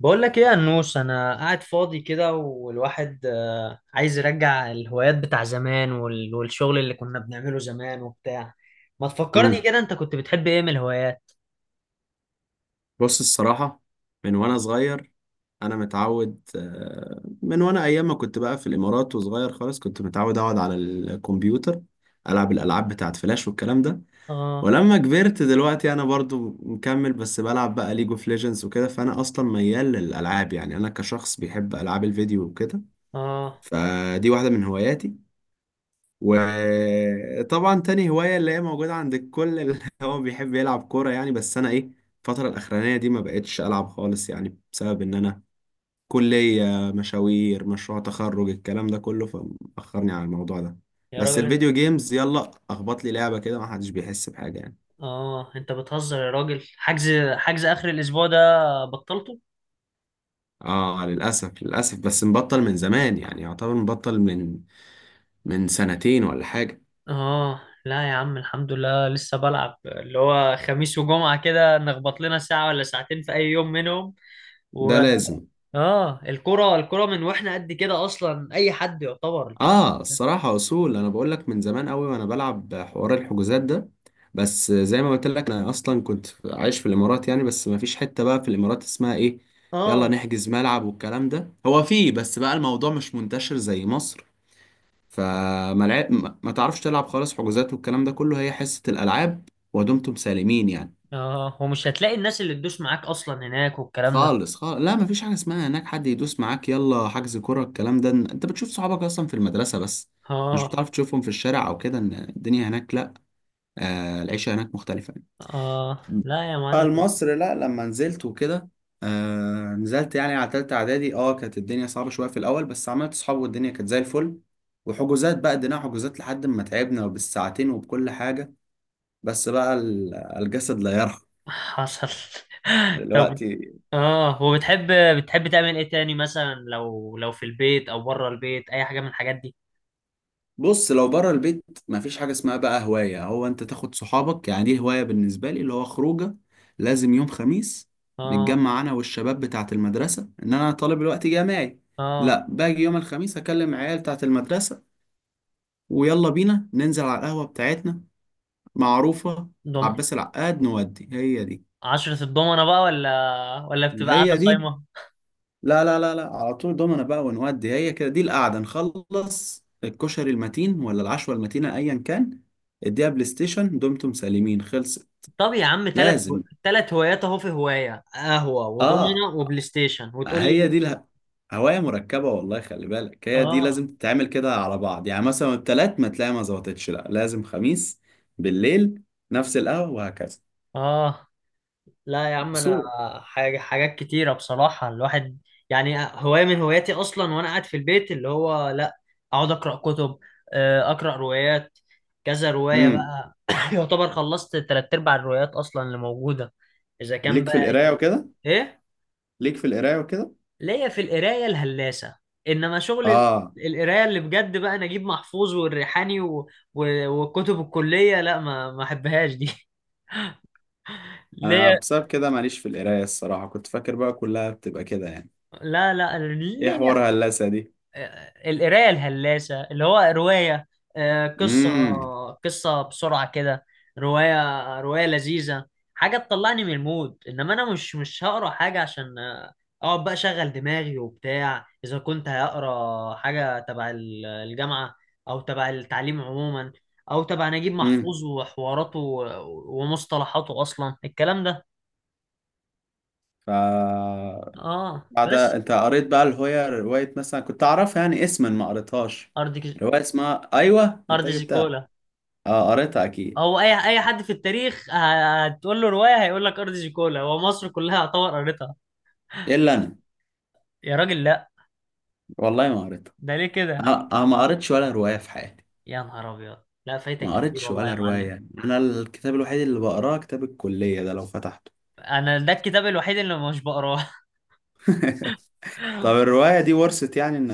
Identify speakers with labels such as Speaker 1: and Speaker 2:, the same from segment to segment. Speaker 1: بقول لك ايه يا نوش، انا قاعد فاضي كده والواحد عايز يرجع الهوايات بتاع زمان والشغل اللي كنا بنعمله زمان وبتاع. ما تفكرني
Speaker 2: مم.
Speaker 1: كده، انت كنت بتحب ايه من الهوايات؟
Speaker 2: بص الصراحة، من وأنا صغير أنا متعود من وأنا أيام ما كنت بقى في الإمارات وصغير خالص، كنت متعود أقعد على الكمبيوتر ألعب الألعاب بتاعت فلاش والكلام ده.
Speaker 1: اه،
Speaker 2: ولما كبرت دلوقتي أنا برضو مكمل، بس بلعب بقى ليج اوف ليجندز وكده. فأنا أصلا ميال للألعاب، يعني أنا كشخص بيحب ألعاب الفيديو وكده.
Speaker 1: اه،
Speaker 2: فدي واحدة من هواياتي. وطبعا تاني هواية اللي هي موجودة عند الكل اللي هو بيحب يلعب كورة يعني. بس أنا إيه، الفترة الأخرانية دي ما بقتش ألعب خالص، يعني بسبب إن أنا كلية، مشاوير، مشروع تخرج، الكلام ده كله، فمأخرني على الموضوع ده.
Speaker 1: يا
Speaker 2: بس
Speaker 1: راجل انت.
Speaker 2: الفيديو جيمز يلا أخبط لي لعبة كده ما حدش بيحس بحاجة يعني.
Speaker 1: اه. انت بتهزر يا راجل، حجز اخر الاسبوع ده بطلته؟
Speaker 2: آه للأسف للأسف، بس مبطل من زمان يعني، يعتبر مبطل من من سنتين ولا حاجة.
Speaker 1: اه لا يا عم، الحمد لله لسه بلعب، اللي هو خميس وجمعة كده نخبط لنا ساعة ولا ساعتين في اي يوم منهم
Speaker 2: ده
Speaker 1: و...
Speaker 2: لازم.
Speaker 1: اه، الكرة من واحنا قد كده اصلا، اي حد يعتبر الحاج.
Speaker 2: اه الصراحة اصول انا بقول لك من زمان قوي وانا بلعب حوار الحجوزات ده، بس زي ما قلت لك انا اصلا كنت عايش في الامارات يعني. بس ما فيش حتة بقى في الامارات اسمها ايه يلا
Speaker 1: اه،
Speaker 2: نحجز ملعب والكلام ده. هو فيه، بس بقى الموضوع مش منتشر زي مصر. فما لعب، ما تعرفش تلعب خالص حجوزات والكلام ده كله، هي حصة الالعاب ودمتم سالمين يعني.
Speaker 1: اه، ومش هتلاقي الناس اللي تدوس معاك اصلا هناك والكلام ده.
Speaker 2: خالص خالص، لا مفيش حاجة اسمها هناك حد يدوس معاك يلا حجز كرة الكلام ده، انت بتشوف صحابك اصلا في المدرسة بس، مش
Speaker 1: اه،
Speaker 2: بتعرف تشوفهم في الشارع او كده، ان الدنيا هناك لا. آه العيشة هناك مختلفة يعني.
Speaker 1: اه، لا يا
Speaker 2: بقى
Speaker 1: معلم.
Speaker 2: مصر لا، لما نزلت وكده، آه نزلت يعني على تالتة اعدادي، اه كانت الدنيا صعبة شوية في الاول، بس عملت صحاب والدنيا كانت زي الفل. وحجوزات بقى، ادينا حجوزات لحد ما تعبنا وبالساعتين وبكل حاجة. بس بقى الجسد لا يرحم
Speaker 1: حصل. طب،
Speaker 2: دلوقتي.
Speaker 1: اه وبتحب، بتحب تعمل ايه تاني؟ مثلا لو في البيت او بره البيت، اي حاجة من الحاجات دي؟
Speaker 2: بص لو بره البيت مفيش حاجة اسمها بقى هواية، هو انت تاخد صحابك يعني دي هواية بالنسبة لي اللي هو خروجة. لازم يوم خميس
Speaker 1: اه،
Speaker 2: نتجمع انا والشباب بتاعة المدرسة، ان انا طالب الوقت جامعي،
Speaker 1: اه.
Speaker 2: لا باجي يوم الخميس اكلم عيال بتاعة المدرسة ويلا بينا ننزل على القهوة بتاعتنا معروفة
Speaker 1: دم
Speaker 2: عباس العقاد نودي، هي دي.
Speaker 1: عشرة الضمنة بقى، ولا بتبقى قاعدة
Speaker 2: هي دي.
Speaker 1: صايمة؟
Speaker 2: لا لا لا لا، على طول دومنا بقى ونودي هي كده دي القعده، نخلص الكشري المتين ولا العشوه المتينه ايا كان، اديها بلاي ستيشن دمتم سالمين خلص.
Speaker 1: طب يا عم، تلات
Speaker 2: لازم.
Speaker 1: تلات هوايات اهو، في هواية قهوة
Speaker 2: اه
Speaker 1: وضمنة وبلاي ستيشن وتقول لي؟
Speaker 2: هي دي هوايه مركبه والله، خلي بالك هي دي
Speaker 1: اه.
Speaker 2: لازم تتعمل كده على بعض يعني، مثلا التلات ما تلاقي ما ظبطتش، لا لازم خميس بالليل نفس القهوه وهكذا.
Speaker 1: اه لا يا عم انا،
Speaker 2: اصول.
Speaker 1: حاجات كتيرة بصراحة الواحد، يعني هواية من هواياتي اصلا وانا قاعد في البيت اللي هو، لا، اقعد اقرا كتب. اقرا روايات، كذا رواية
Speaker 2: امم،
Speaker 1: بقى يعتبر خلصت تلات ارباع الروايات اصلا اللي موجودة اذا كان
Speaker 2: ليك في
Speaker 1: بقى
Speaker 2: القرايه
Speaker 1: كده.
Speaker 2: وكده؟
Speaker 1: ايه،
Speaker 2: ليك في القرايه وكده؟
Speaker 1: ليا في القراية الهلاسة. انما شغل
Speaker 2: اه
Speaker 1: القراية اللي بجد بقى، نجيب محفوظ والريحاني وكتب الكلية لا ما احبهاش دي.
Speaker 2: انا
Speaker 1: ليا.
Speaker 2: بسبب كده ماليش في القرايه الصراحه، كنت فاكر بقى كلها بتبقى كده يعني،
Speaker 1: لا، لا،
Speaker 2: ايه حوار
Speaker 1: ليا.
Speaker 2: هندسه دي.
Speaker 1: القرايه الهلاسه اللي هو روايه، قصه،
Speaker 2: امم.
Speaker 1: قصه بسرعه كده، روايه روايه لذيذه. حاجه تطلعني من المود، انما انا مش هقرا حاجه عشان، اقعد بقى اشغل دماغي وبتاع اذا كنت هقرا حاجه تبع الجامعه، او تبع التعليم عموما، او تبع نجيب
Speaker 2: امم.
Speaker 1: محفوظ وحواراته ومصطلحاته اصلا الكلام ده.
Speaker 2: ف،
Speaker 1: اه
Speaker 2: بعد
Speaker 1: بس.
Speaker 2: انت قريت بقى الهوية، رواية مثلا كنت اعرفها يعني اسما ما قريتهاش،
Speaker 1: ارض
Speaker 2: رواية اسمها ايوه انت
Speaker 1: ارض
Speaker 2: جبتها.
Speaker 1: زيكولا.
Speaker 2: اه قريتها اكيد.
Speaker 1: هو اي حد في التاريخ هتقول له روايه هيقول لك ارض زيكولا، هو مصر كلها يعتبر قريتها.
Speaker 2: الا انا،
Speaker 1: يا راجل لا،
Speaker 2: والله ما قريتها.
Speaker 1: ده ليه كده؟
Speaker 2: أنا ما قريتش ولا رواية في حياتي.
Speaker 1: يا نهار ابيض، لا فايتك
Speaker 2: ما
Speaker 1: كتير
Speaker 2: قريتش
Speaker 1: والله يا
Speaker 2: ولا
Speaker 1: معلم.
Speaker 2: رواية، انا الكتاب الوحيد اللي بقراه كتاب الكلية، ده لو فتحته.
Speaker 1: انا ده الكتاب الوحيد اللي مش بقراه.
Speaker 2: طب الرواية دي ورثت يعني ان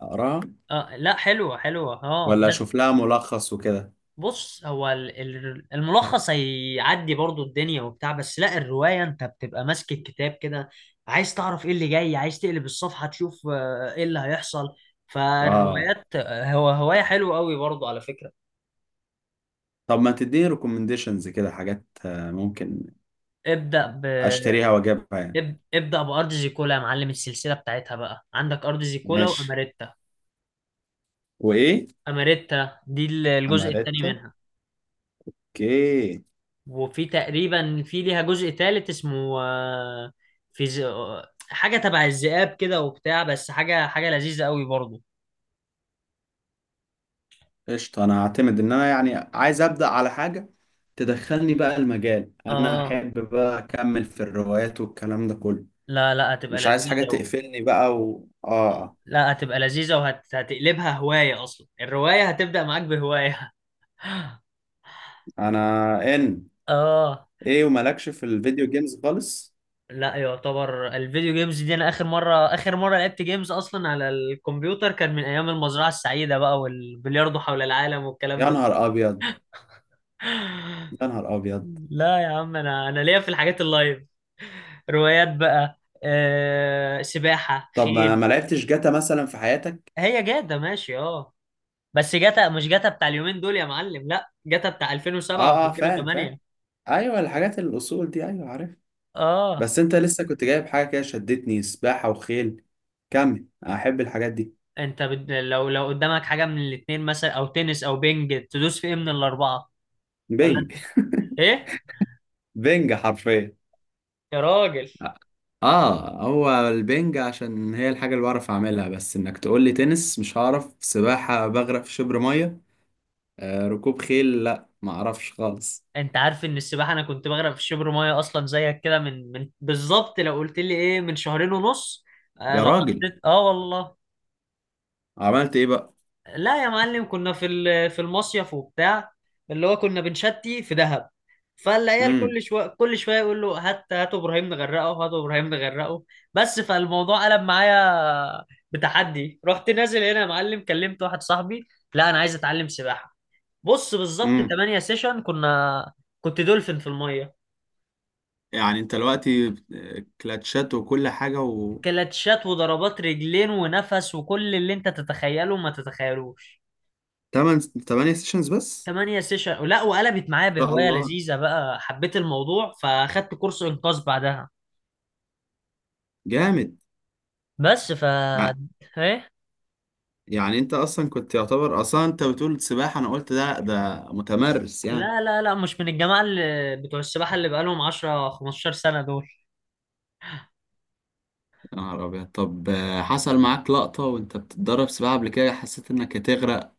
Speaker 2: اقراها
Speaker 1: آه لا، حلوه حلوه، اه
Speaker 2: ولا
Speaker 1: بس.
Speaker 2: اشوف لها ملخص وكده؟
Speaker 1: بص، هو الملخص هيعدي برضو الدنيا وبتاع، بس لا، الروايه انت بتبقى ماسك الكتاب كده، عايز تعرف ايه اللي جاي، عايز تقلب الصفحه تشوف ايه اللي هيحصل.
Speaker 2: اه.
Speaker 1: فالروايات هو هوايه حلوه قوي برضو على فكره.
Speaker 2: طب ما تديني ريكومنديشنز كده حاجات ممكن
Speaker 1: ابدأ ب
Speaker 2: اشتريها واجيبها يعني؟
Speaker 1: ابدأ بأرض زيكولا يا معلم. السلسلة بتاعتها بقى عندك أرض زيكولا
Speaker 2: ماشي.
Speaker 1: وأماريتا.
Speaker 2: وايه؟
Speaker 1: أماريتا دي الجزء التاني
Speaker 2: اماريتا.
Speaker 1: منها.
Speaker 2: اوكي.
Speaker 1: وفي تقريبا، ليها جزء تالت اسمه، في ز... آه، حاجة تبع الذئاب كده وبتاع، بس حاجة حاجة لذيذة قوي برضه.
Speaker 2: قشطه انا هعتمد ان انا يعني عايز ابدا على حاجه تدخلني بقى المجال، انا
Speaker 1: اه،
Speaker 2: احب بقى اكمل في الروايات والكلام ده كله،
Speaker 1: لا لا هتبقى
Speaker 2: مش عايز حاجه
Speaker 1: لذيذة
Speaker 2: تقفلني بقى و... اه
Speaker 1: لا هتبقى لذيذة وهتقلبها هواية، أصلا الرواية هتبدأ معاك بهواية.
Speaker 2: انا
Speaker 1: اه
Speaker 2: ايه ومالكش في الفيديو جيمز خالص؟
Speaker 1: لا، يعتبر الفيديو جيمز دي انا اخر مره لعبت جيمز اصلا على الكمبيوتر، كان من ايام المزرعه السعيده بقى والبلياردو حول العالم والكلام
Speaker 2: يا
Speaker 1: ده.
Speaker 2: نهار ابيض. يا نهار ابيض.
Speaker 1: لا يا عم، انا ليا في الحاجات اللايف، روايات بقى، سباحه،
Speaker 2: طب ما
Speaker 1: خيل.
Speaker 2: ما لعبتش جاتا مثلا في حياتك؟
Speaker 1: هي جاتا ماشي اه. بس جاتا مش جاتا بتاع اليومين دول يا معلم، لا، جاتا بتاع 2007
Speaker 2: اه اه، فاهم فاهم.
Speaker 1: و2008.
Speaker 2: ايوه الحاجات الاصول دي، ايوه عارف.
Speaker 1: اه.
Speaker 2: بس انت لسه كنت جايب حاجة كده شدتني، سباحة وخيل. كمل احب الحاجات دي.
Speaker 1: لو قدامك حاجه من الاتنين مثلا، او تنس، او بينج، تدوس في ايه من الاربعه؟ ولا
Speaker 2: بنج.
Speaker 1: انت؟ ايه
Speaker 2: بنج حرفيا.
Speaker 1: يا راجل.
Speaker 2: اه هو البنج عشان هي الحاجة اللي بعرف اعملها، بس انك تقول لي تنس مش هعرف، سباحة بغرق في شبر مية، آه ركوب خيل لا ما اعرفش خالص.
Speaker 1: انت عارف ان السباحه انا كنت بغرق في شبر ميه اصلا زيك كده، من بالظبط لو قلت لي ايه، من شهرين ونص. آه،
Speaker 2: يا
Speaker 1: لو
Speaker 2: راجل،
Speaker 1: حطيت، اه والله.
Speaker 2: عملت ايه بقى؟
Speaker 1: لا يا معلم، كنا في المصيف وبتاع، اللي هو كنا بنشتي في دهب. فالعيال كل
Speaker 2: امم.
Speaker 1: شويه كل شويه يقول له، هات هات ابراهيم نغرقه، هات ابراهيم نغرقه. بس فالموضوع قلب معايا بتحدي. رحت نازل هنا يا معلم، كلمت واحد صاحبي، لا انا عايز اتعلم سباحه. بص، بالظبط
Speaker 2: امم.
Speaker 1: 8 سيشن كنت دولفين في الميه،
Speaker 2: يعني انت دلوقتي كلاتشات وكل حاجة و
Speaker 1: كلاتشات وضربات رجلين ونفس، وكل اللي انت تتخيله ما تتخيلوش.
Speaker 2: 8 8 سيشنز بس؟
Speaker 1: تمانية سيشن. لا، وقلبت معايا
Speaker 2: ما شاء
Speaker 1: بهواية
Speaker 2: الله،
Speaker 1: لذيذة بقى، حبيت الموضوع فاخدت كورس إنقاذ بعدها.
Speaker 2: جامد.
Speaker 1: بس ايه.
Speaker 2: يعني انت اصلا كنت يعتبر اصلا، انت بتقول سباحة انا قلت ده متمرس يعني.
Speaker 1: لا، لا، لا، مش من الجماعة اللي بتوع السباحة اللي بقالهم 10 15 سنة دول.
Speaker 2: يا نهار ابيض. طب حصل معاك لقطة وانت بتتدرب سباحة قبل كده حسيت انك هتغرق؟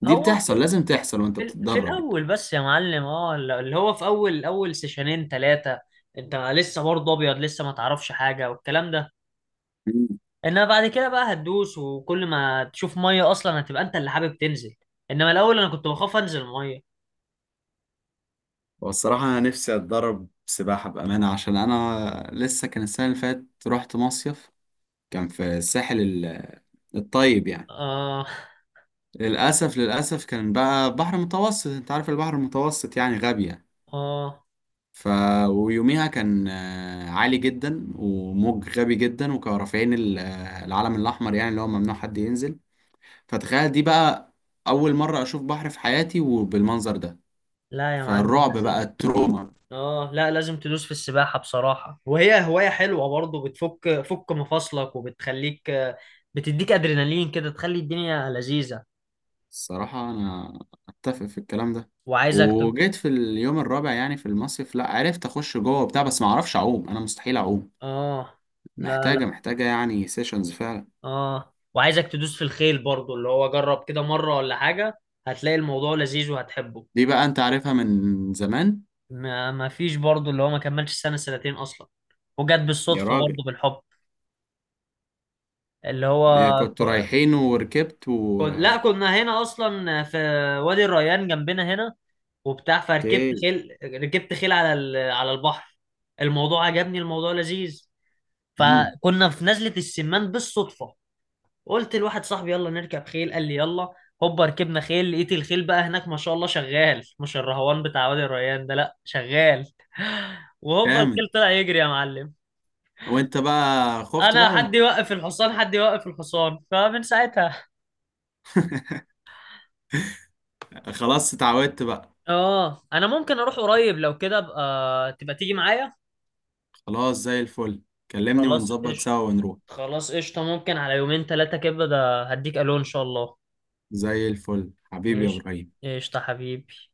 Speaker 2: دي
Speaker 1: هو
Speaker 2: بتحصل لازم تحصل وانت
Speaker 1: في
Speaker 2: بتتدرب يعني.
Speaker 1: الأول بس يا معلم، اه اللي هو في أول أول سيشنين ثلاثة. انت لسه برضه ابيض، لسه ما تعرفش حاجة والكلام ده.
Speaker 2: مم.
Speaker 1: انما بعد كده بقى هتدوس، وكل ما تشوف ميه اصلا هتبقى انت اللي حابب تنزل. انما الاول انا كنت بخاف انزل ميه.
Speaker 2: والصراحة انا نفسي اتدرب سباحة بأمانة، عشان انا لسه كان السنة اللي فاتت رحت مصيف، كان في الساحل الطيب يعني.
Speaker 1: اه،
Speaker 2: للأسف للأسف، كان بقى بحر متوسط، انت عارف البحر المتوسط يعني غبي يعني.
Speaker 1: اه،
Speaker 2: ف ويوميها كان عالي جدا وموج غبي جدا، وكانوا رافعين العلم الاحمر يعني اللي هو ممنوع حد ينزل، فتخيل دي بقى اول مره اشوف بحر في حياتي وبالمنظر ده،
Speaker 1: لا يا معلم
Speaker 2: فالرعب بقى،
Speaker 1: لازم.
Speaker 2: التروما.
Speaker 1: اه لا، لازم تدوس في السباحة بصراحة، وهي هواية حلوة برضو، بتفك فك مفاصلك وبتخليك، بتديك ادرينالين كده تخلي الدنيا لذيذة.
Speaker 2: الصراحه انا اتفق في الكلام ده.
Speaker 1: وعايزك تب...
Speaker 2: وجيت في اليوم الرابع يعني في المصيف لا عرفت اخش جوه وبتاع، بس ما اعرفش اعوم، انا مستحيل اعوم،
Speaker 1: اه. لا لا.
Speaker 2: محتاجه يعني سيشنز فعلا.
Speaker 1: اه، وعايزك تدوس في الخيل برضو، اللي هو جرب كده مرة ولا حاجة، هتلاقي الموضوع لذيذ وهتحبه.
Speaker 2: دي بقى انت عارفها من زمان.
Speaker 1: ما فيش برضه اللي هو ما كملش سنة سنتين أصلا، وجت
Speaker 2: يا
Speaker 1: بالصدفة برضه
Speaker 2: راجل،
Speaker 1: بالحب. اللي هو
Speaker 2: كنتوا
Speaker 1: ك-
Speaker 2: رايحين وركبت
Speaker 1: لا، كنا هنا أصلا في وادي الريان جنبنا هنا وبتاع، فركبت
Speaker 2: اوكي.
Speaker 1: خيل، ركبت خيل على البحر. الموضوع عجبني، الموضوع لذيذ.
Speaker 2: امم.
Speaker 1: فكنا في نزلة السمان بالصدفة، قلت لواحد صاحبي يلا نركب خيل، قال لي يلا، هوبا ركبنا خيل. لقيت الخيل بقى هناك ما شاء الله شغال، مش الرهوان بتاع وادي الريان ده، لا شغال. وهوبا الخيل
Speaker 2: جامد.
Speaker 1: طلع يجري يا معلم.
Speaker 2: وانت بقى خفت
Speaker 1: انا،
Speaker 2: بقى
Speaker 1: حد
Speaker 2: وانت؟
Speaker 1: يوقف الحصان، حد يوقف الحصان. فمن ساعتها،
Speaker 2: خلاص اتعودت بقى.
Speaker 1: اه، انا ممكن اروح قريب، لو كده ابقى تبقى تيجي معايا.
Speaker 2: خلاص زي الفل، كلمني
Speaker 1: خلاص
Speaker 2: ونظبط
Speaker 1: قشطة.
Speaker 2: سوا ونروح.
Speaker 1: خلاص قشطة، ممكن على يومين ثلاثة كده، ده هديك الو ان شاء الله.
Speaker 2: زي الفل حبيبي يا
Speaker 1: ماشي.
Speaker 2: ابراهيم.
Speaker 1: قشطة حبيبي.